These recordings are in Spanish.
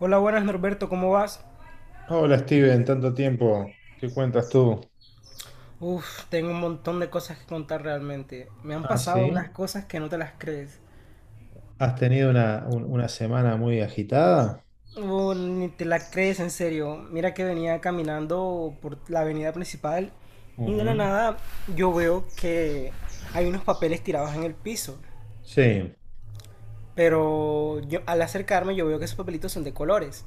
Hola, buenas Norberto, ¿cómo vas? Hola Steven, tanto tiempo. ¿Qué cuentas tú? Uf, tengo un montón de cosas que contar realmente. Me han Ah, pasado unas sí. cosas que no te las crees. ¿Has tenido una semana muy agitada? Oh, ni te las crees, en serio. Mira que venía caminando por la avenida principal y de la Ujú. nada yo veo que hay unos papeles tirados en el piso. Sí, Pero yo, al acercarme yo veo que esos papelitos son de colores.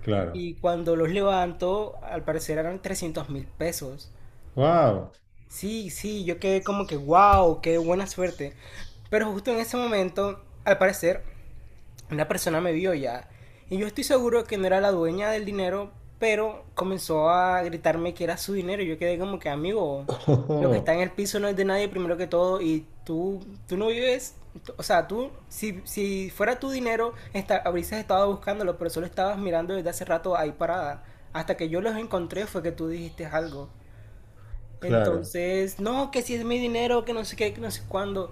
claro. Y cuando los levanto, al parecer eran 300.000 pesos. ¡Wow! Sí, sí, yo quedé como que, wow, qué buena suerte. Pero justo en ese momento, al parecer, una persona me vio ya. Y yo estoy seguro que no era la dueña del dinero, pero comenzó a gritarme que era su dinero. Y yo quedé como que, amigo, lo que está en el piso no es de nadie primero que todo. Y tú no vives, o sea, tú, si fuera tu dinero, habrías estado buscándolo, pero solo estabas mirando desde hace rato ahí parada. Hasta que yo los encontré fue que tú dijiste algo. Claro, Entonces, no, que si es mi dinero, que no sé qué, que no sé cuándo.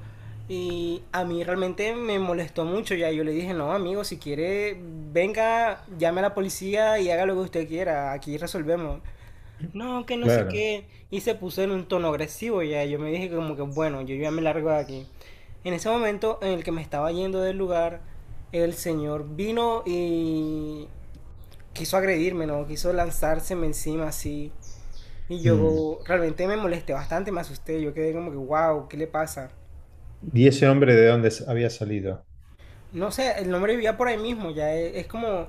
Y a mí realmente me molestó mucho ya. Yo le dije, no, amigo, si quiere, venga, llame a la policía y haga lo que usted quiera. Aquí resolvemos. No, que no sé claro. qué. Y se puso en un tono agresivo ya. Yo me dije como que, bueno, yo ya me largo de aquí. En ese momento en el que me estaba yendo del lugar, el señor vino y quiso agredirme, ¿no? Quiso lanzárseme encima así. Y Mm. yo realmente me molesté bastante, me asusté, yo quedé como que, wow, ¿qué le pasa? ¿Y ese hombre de dónde había salido? No sé, el nombre vivía por ahí mismo, ya e- es, como,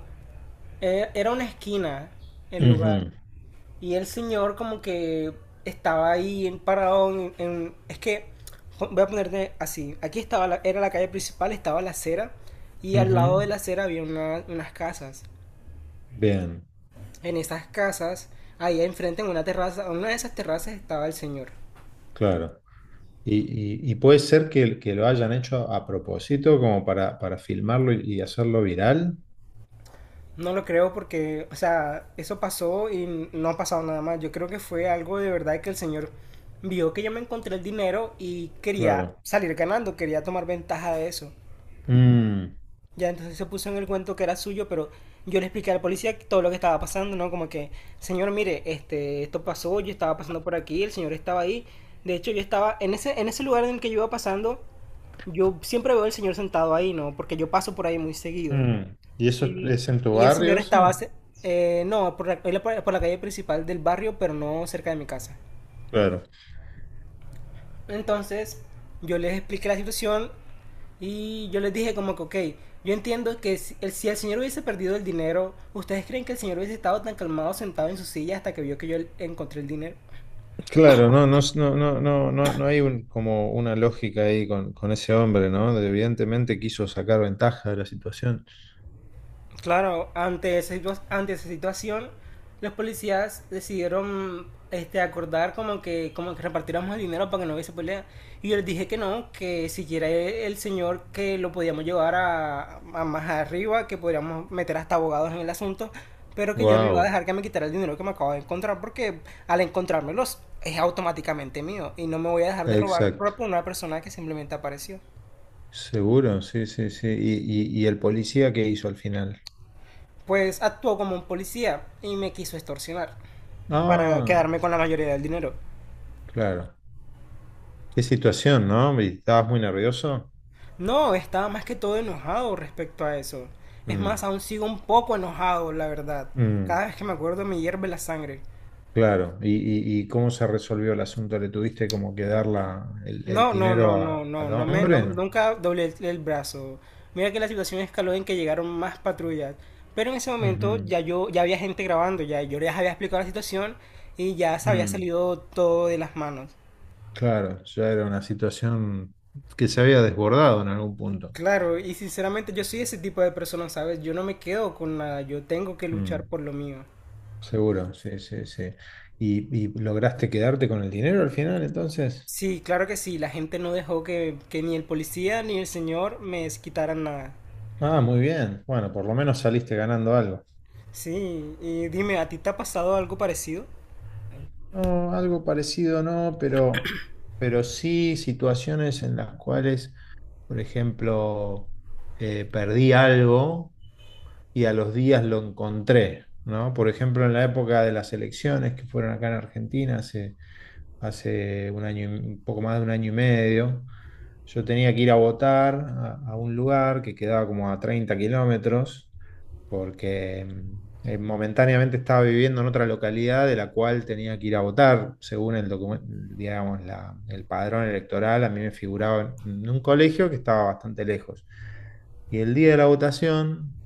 e- era una esquina el lugar. Ujú, Y el señor como que estaba ahí en- parado en- es que, jo- voy a ponerte así, aquí estaba, era la calle principal, estaba la acera, y al lado de ujú. la acera había unas casas. Bien, En esas casas, ahí enfrente en una terraza, en una de esas terrazas estaba el señor. claro. Y, y puede ser que, lo hayan hecho a propósito, como para, filmarlo y hacerlo viral. No lo creo porque, o sea, eso pasó y no ha pasado nada más. Yo creo que fue algo de verdad que el señor vio que yo me encontré el dinero y quería Claro. salir ganando, quería tomar ventaja de eso. Mm, Ya entonces se puso en el cuento que era suyo, pero yo le expliqué al policía todo lo que estaba pasando, ¿no? Como que, señor, mire, este, esto pasó, yo estaba pasando por aquí, el señor estaba ahí. De hecho, yo estaba en ese lugar en el que yo iba pasando, yo siempre veo al señor sentado ahí, ¿no? Porque yo paso por ahí muy seguido. mm. ¿Y eso es Y, es en tu y el barrio, señor estaba, eso? ce- no, por la, él por la calle principal del barrio, pero no cerca de mi casa. Claro, Entonces, yo les expliqué la situación y yo les dije como que, ok, yo entiendo que si el señor hubiese perdido el dinero, ¿ustedes creen que el señor hubiese estado tan calmado sentado en su silla hasta que vio que yo encontré el dinero? claro, no, no, no, no, no, no hay como una lógica ahí con ese hombre, ¿no? Evidentemente quiso sacar ventaja de la situación. Claro, ante ante esa situación, los policías decidieron este, acordar como que repartiéramos el dinero para que no hubiese pelea. Y yo les dije que no, que siquiera e- el señor que lo podíamos llevar a más arriba, que podríamos meter hasta abogados en el asunto, pero que yo no iba a Wow, dejar que me quitara el dinero que me acabo de encontrar, porque al encontrármelos es automáticamente mío y no me voy a dejar de robar exacto. por una persona que simplemente apareció. Seguro, sí, sí, sí. ¿Y el policía qué hizo al final? Pues actuó como un policía y me quiso extorsionar para Ah, quedarme con la mayoría del dinero. claro. Qué situación, ¿no? ¿Estabas muy nervioso? No, estaba más que todo enojado respecto a eso. Es más, Mm, aún sigo un poco enojado, la verdad. mm, Cada vez que me acuerdo me hierve la sangre. claro. ¿Y cómo se resolvió el asunto? ¿Le tuviste como que dar el No, no, no, dinero no, no, al hombre? nunca doblé el brazo. Mira que la situación escaló en que llegaron más patrullas. Pero en ese momento Ujú, ya yo, ya había gente grabando, ya yo les había explicado la situación y ya se había mm. salido todo de las manos. Claro, ya era una situación que se había desbordado en algún punto. Claro, y sinceramente yo soy ese tipo de persona, ¿sabes? Yo no me quedo con nada, yo tengo que luchar Mm, por lo mío. seguro, sí, sí, sí. ¿Y lograste quedarte con el dinero al final, entonces? Sí, claro que sí, la gente no dejó que ni el policía ni el señor me quitaran nada. Ah, muy bien. Bueno, por lo menos saliste ganando algo. Sí, y dime, ¿a ti te ha pasado algo parecido? No, algo parecido no, pero sí situaciones en las cuales, por ejemplo, perdí algo y a los días lo encontré, ¿no? Por ejemplo, en la época de las elecciones que fueron acá en Argentina, hace un año, un poco más de un año y medio. Yo tenía que ir a votar a un lugar que quedaba como a 30 km, porque momentáneamente estaba viviendo en otra localidad de la cual tenía que ir a votar, según el digamos, el padrón electoral, a mí me figuraba en un colegio que estaba bastante lejos. Y el día de la votación,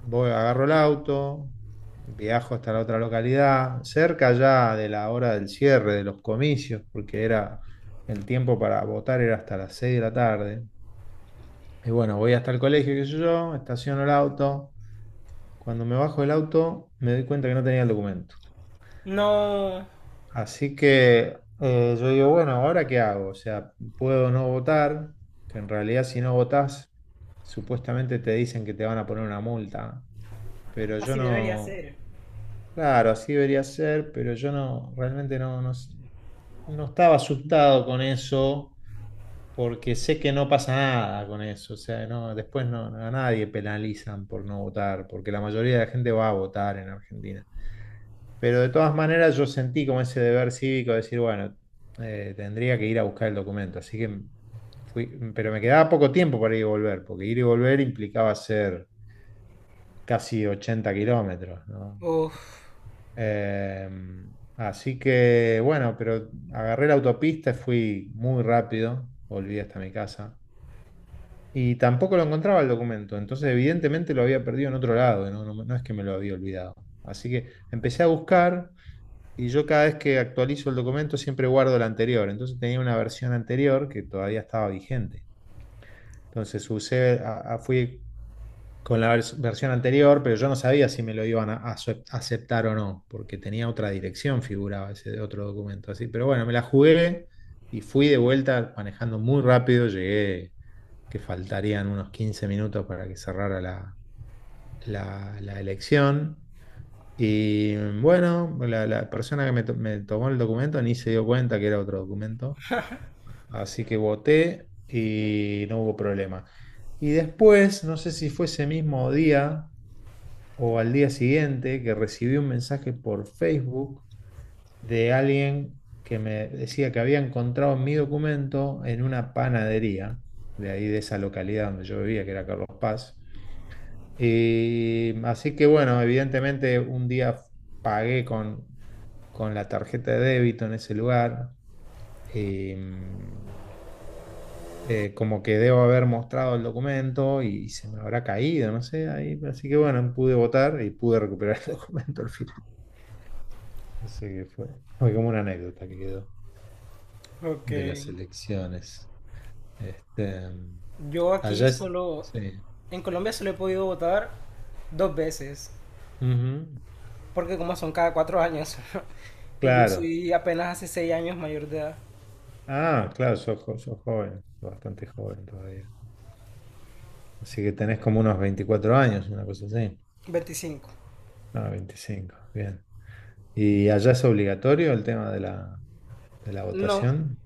voy, agarro el auto, viajo hasta la otra localidad, cerca ya de la hora del cierre de los comicios, porque era el tiempo para votar era hasta las 6 de la tarde. Y bueno, voy hasta el colegio, qué sé yo, estaciono el auto. Cuando me bajo del auto, me doy cuenta que no tenía el documento. No, Así que yo digo, bueno, ¿ahora qué hago? O sea, puedo no votar, que en realidad si no votás, supuestamente te dicen que te van a poner una multa. Pero yo así debería no, ser. claro, así debería ser, pero yo no, realmente no estaba asustado con eso porque sé que no pasa nada con eso, o sea, no, después no, a nadie penalizan por no votar, porque la mayoría de la gente va a votar en Argentina. Pero de todas maneras yo sentí como ese deber cívico de decir, bueno, tendría que ir a buscar el documento, así que fui, pero me quedaba poco tiempo para ir y volver, porque ir y volver implicaba hacer casi 80 km, ¿no? Uf, Eh, así que bueno, pero agarré la autopista, fui muy rápido, volví hasta mi casa. Y tampoco lo encontraba el documento, entonces evidentemente lo había perdido en otro lado, no, no es que me lo había olvidado. Así que empecé a buscar y yo cada vez que actualizo el documento siempre guardo el anterior, entonces tenía una versión anterior que todavía estaba vigente. Entonces fui con la versión anterior, pero yo no sabía si me lo iban a aceptar o no, porque tenía otra dirección, figuraba ese otro documento así. Pero bueno, me la jugué y fui de vuelta manejando muy rápido, llegué que faltarían unos 15 minutos para que cerrara la elección. Y bueno, la persona que me, me tomó el documento ni se dio cuenta que era otro documento. Así que voté y no hubo problema. Y después, no sé si fue ese mismo día o al día siguiente, que recibí un mensaje por Facebook de alguien que me decía que había encontrado mi documento en una panadería de ahí de esa localidad donde yo vivía, que era Carlos Paz. Así que bueno, evidentemente un día pagué con, la tarjeta de débito en ese lugar. eh, Como que debo haber mostrado el documento y se me habrá caído, no sé, ahí. Así que bueno, pude votar y pude recuperar el documento al final. Así que fue como una anécdota que quedó ok. de las elecciones. Este, Yo aquí allá solo, sí. en Colombia solo he podido votar dos veces, Ujú. porque como son cada 4 años, y yo Claro. soy apenas hace 6 años mayor de edad, Ah, claro, sos, sos joven, bastante joven todavía. Así que tenés como unos 24 años, una cosa así. 25. No, 25. Bien. ¿Y allá es obligatorio el tema de la No. votación?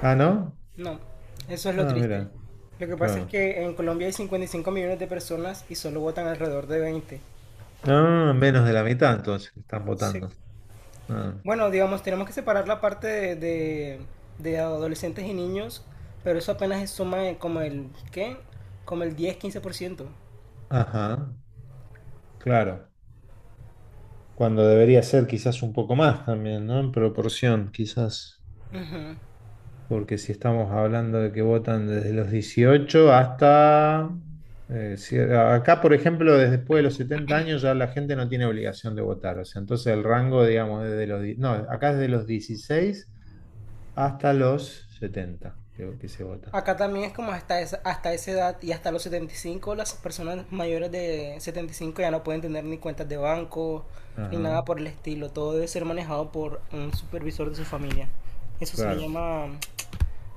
Ah, ¿no? No, eso es lo Ah, triste. mira, Lo que pasa es claro. que en Colombia hay 55 millones de personas y solo votan alrededor de 20. Ah, menos de la mitad entonces que están Sí. votando. Ah, Bueno, digamos, tenemos que separar la parte de adolescentes y niños, pero eso apenas es suma de como el, ¿qué? Como el 10-15%. ajá, claro. Cuando debería ser quizás un poco más también, ¿no? En proporción, quizás. Porque si estamos hablando de que votan desde los 18 hasta, acá, por ejemplo, desde después de los 70 años ya la gente no tiene obligación de votar. O sea, entonces el rango, digamos, desde los no, acá es de los 16 hasta los 70 que se vota. Acá también es como hasta esa edad y hasta los 75, las personas mayores de 75 ya no pueden tener ni cuentas de banco ni nada Ajá, por el estilo. Todo debe ser manejado por un supervisor de su familia. Eso se le claro. llama,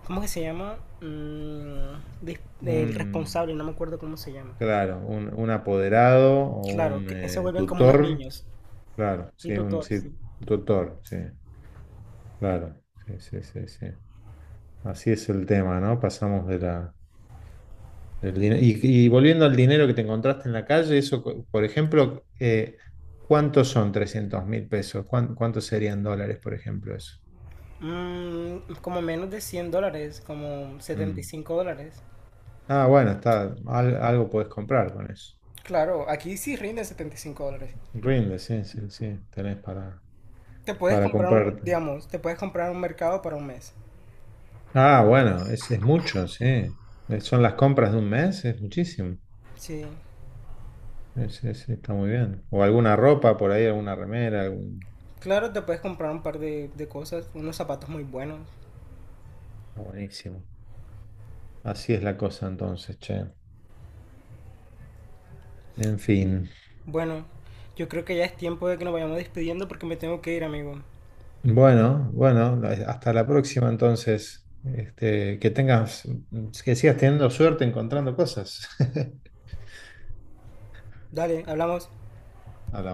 ¿cómo que se llama? Mm, el Un, responsable, no me acuerdo cómo se llama. claro, un apoderado o Claro, un que se vuelven como unos tutor. niños. Claro, Un sí, un tutor, sí, sí. tutor, sí. Claro, sí, sí, sí, sí. Así es el tema, ¿no? Pasamos de del dinero. Y volviendo al dinero que te encontraste en la calle, eso, por ejemplo, ¿cuántos son 300.000 pesos? ¿Cuántos serían dólares, por ejemplo, eso? Mm, como menos de 100 dólares, como setenta y Mm. cinco dólares. Ah, bueno, está, algo podés comprar con eso. Claro, aquí sí rinden 75 dólares. Rinde, sí, sí, sí, tenés para, Te puedes para comprar un, comprarte. digamos, te puedes comprar un mercado para un mes. Ah, bueno, es mucho, sí. Son las compras de un mes, es muchísimo. Sí. Está muy bien. O alguna ropa por ahí, alguna remera, algún... Claro, te puedes comprar un par de cosas, unos zapatos muy buenos. Está buenísimo. Así es la cosa entonces, che. En fin. Bueno, yo creo que ya es tiempo de que nos vayamos despidiendo porque me tengo que ir, amigo. Bueno, bueno, hasta la próxima entonces. Este, que sigas teniendo suerte encontrando cosas. Dale, hablamos. Hablamos.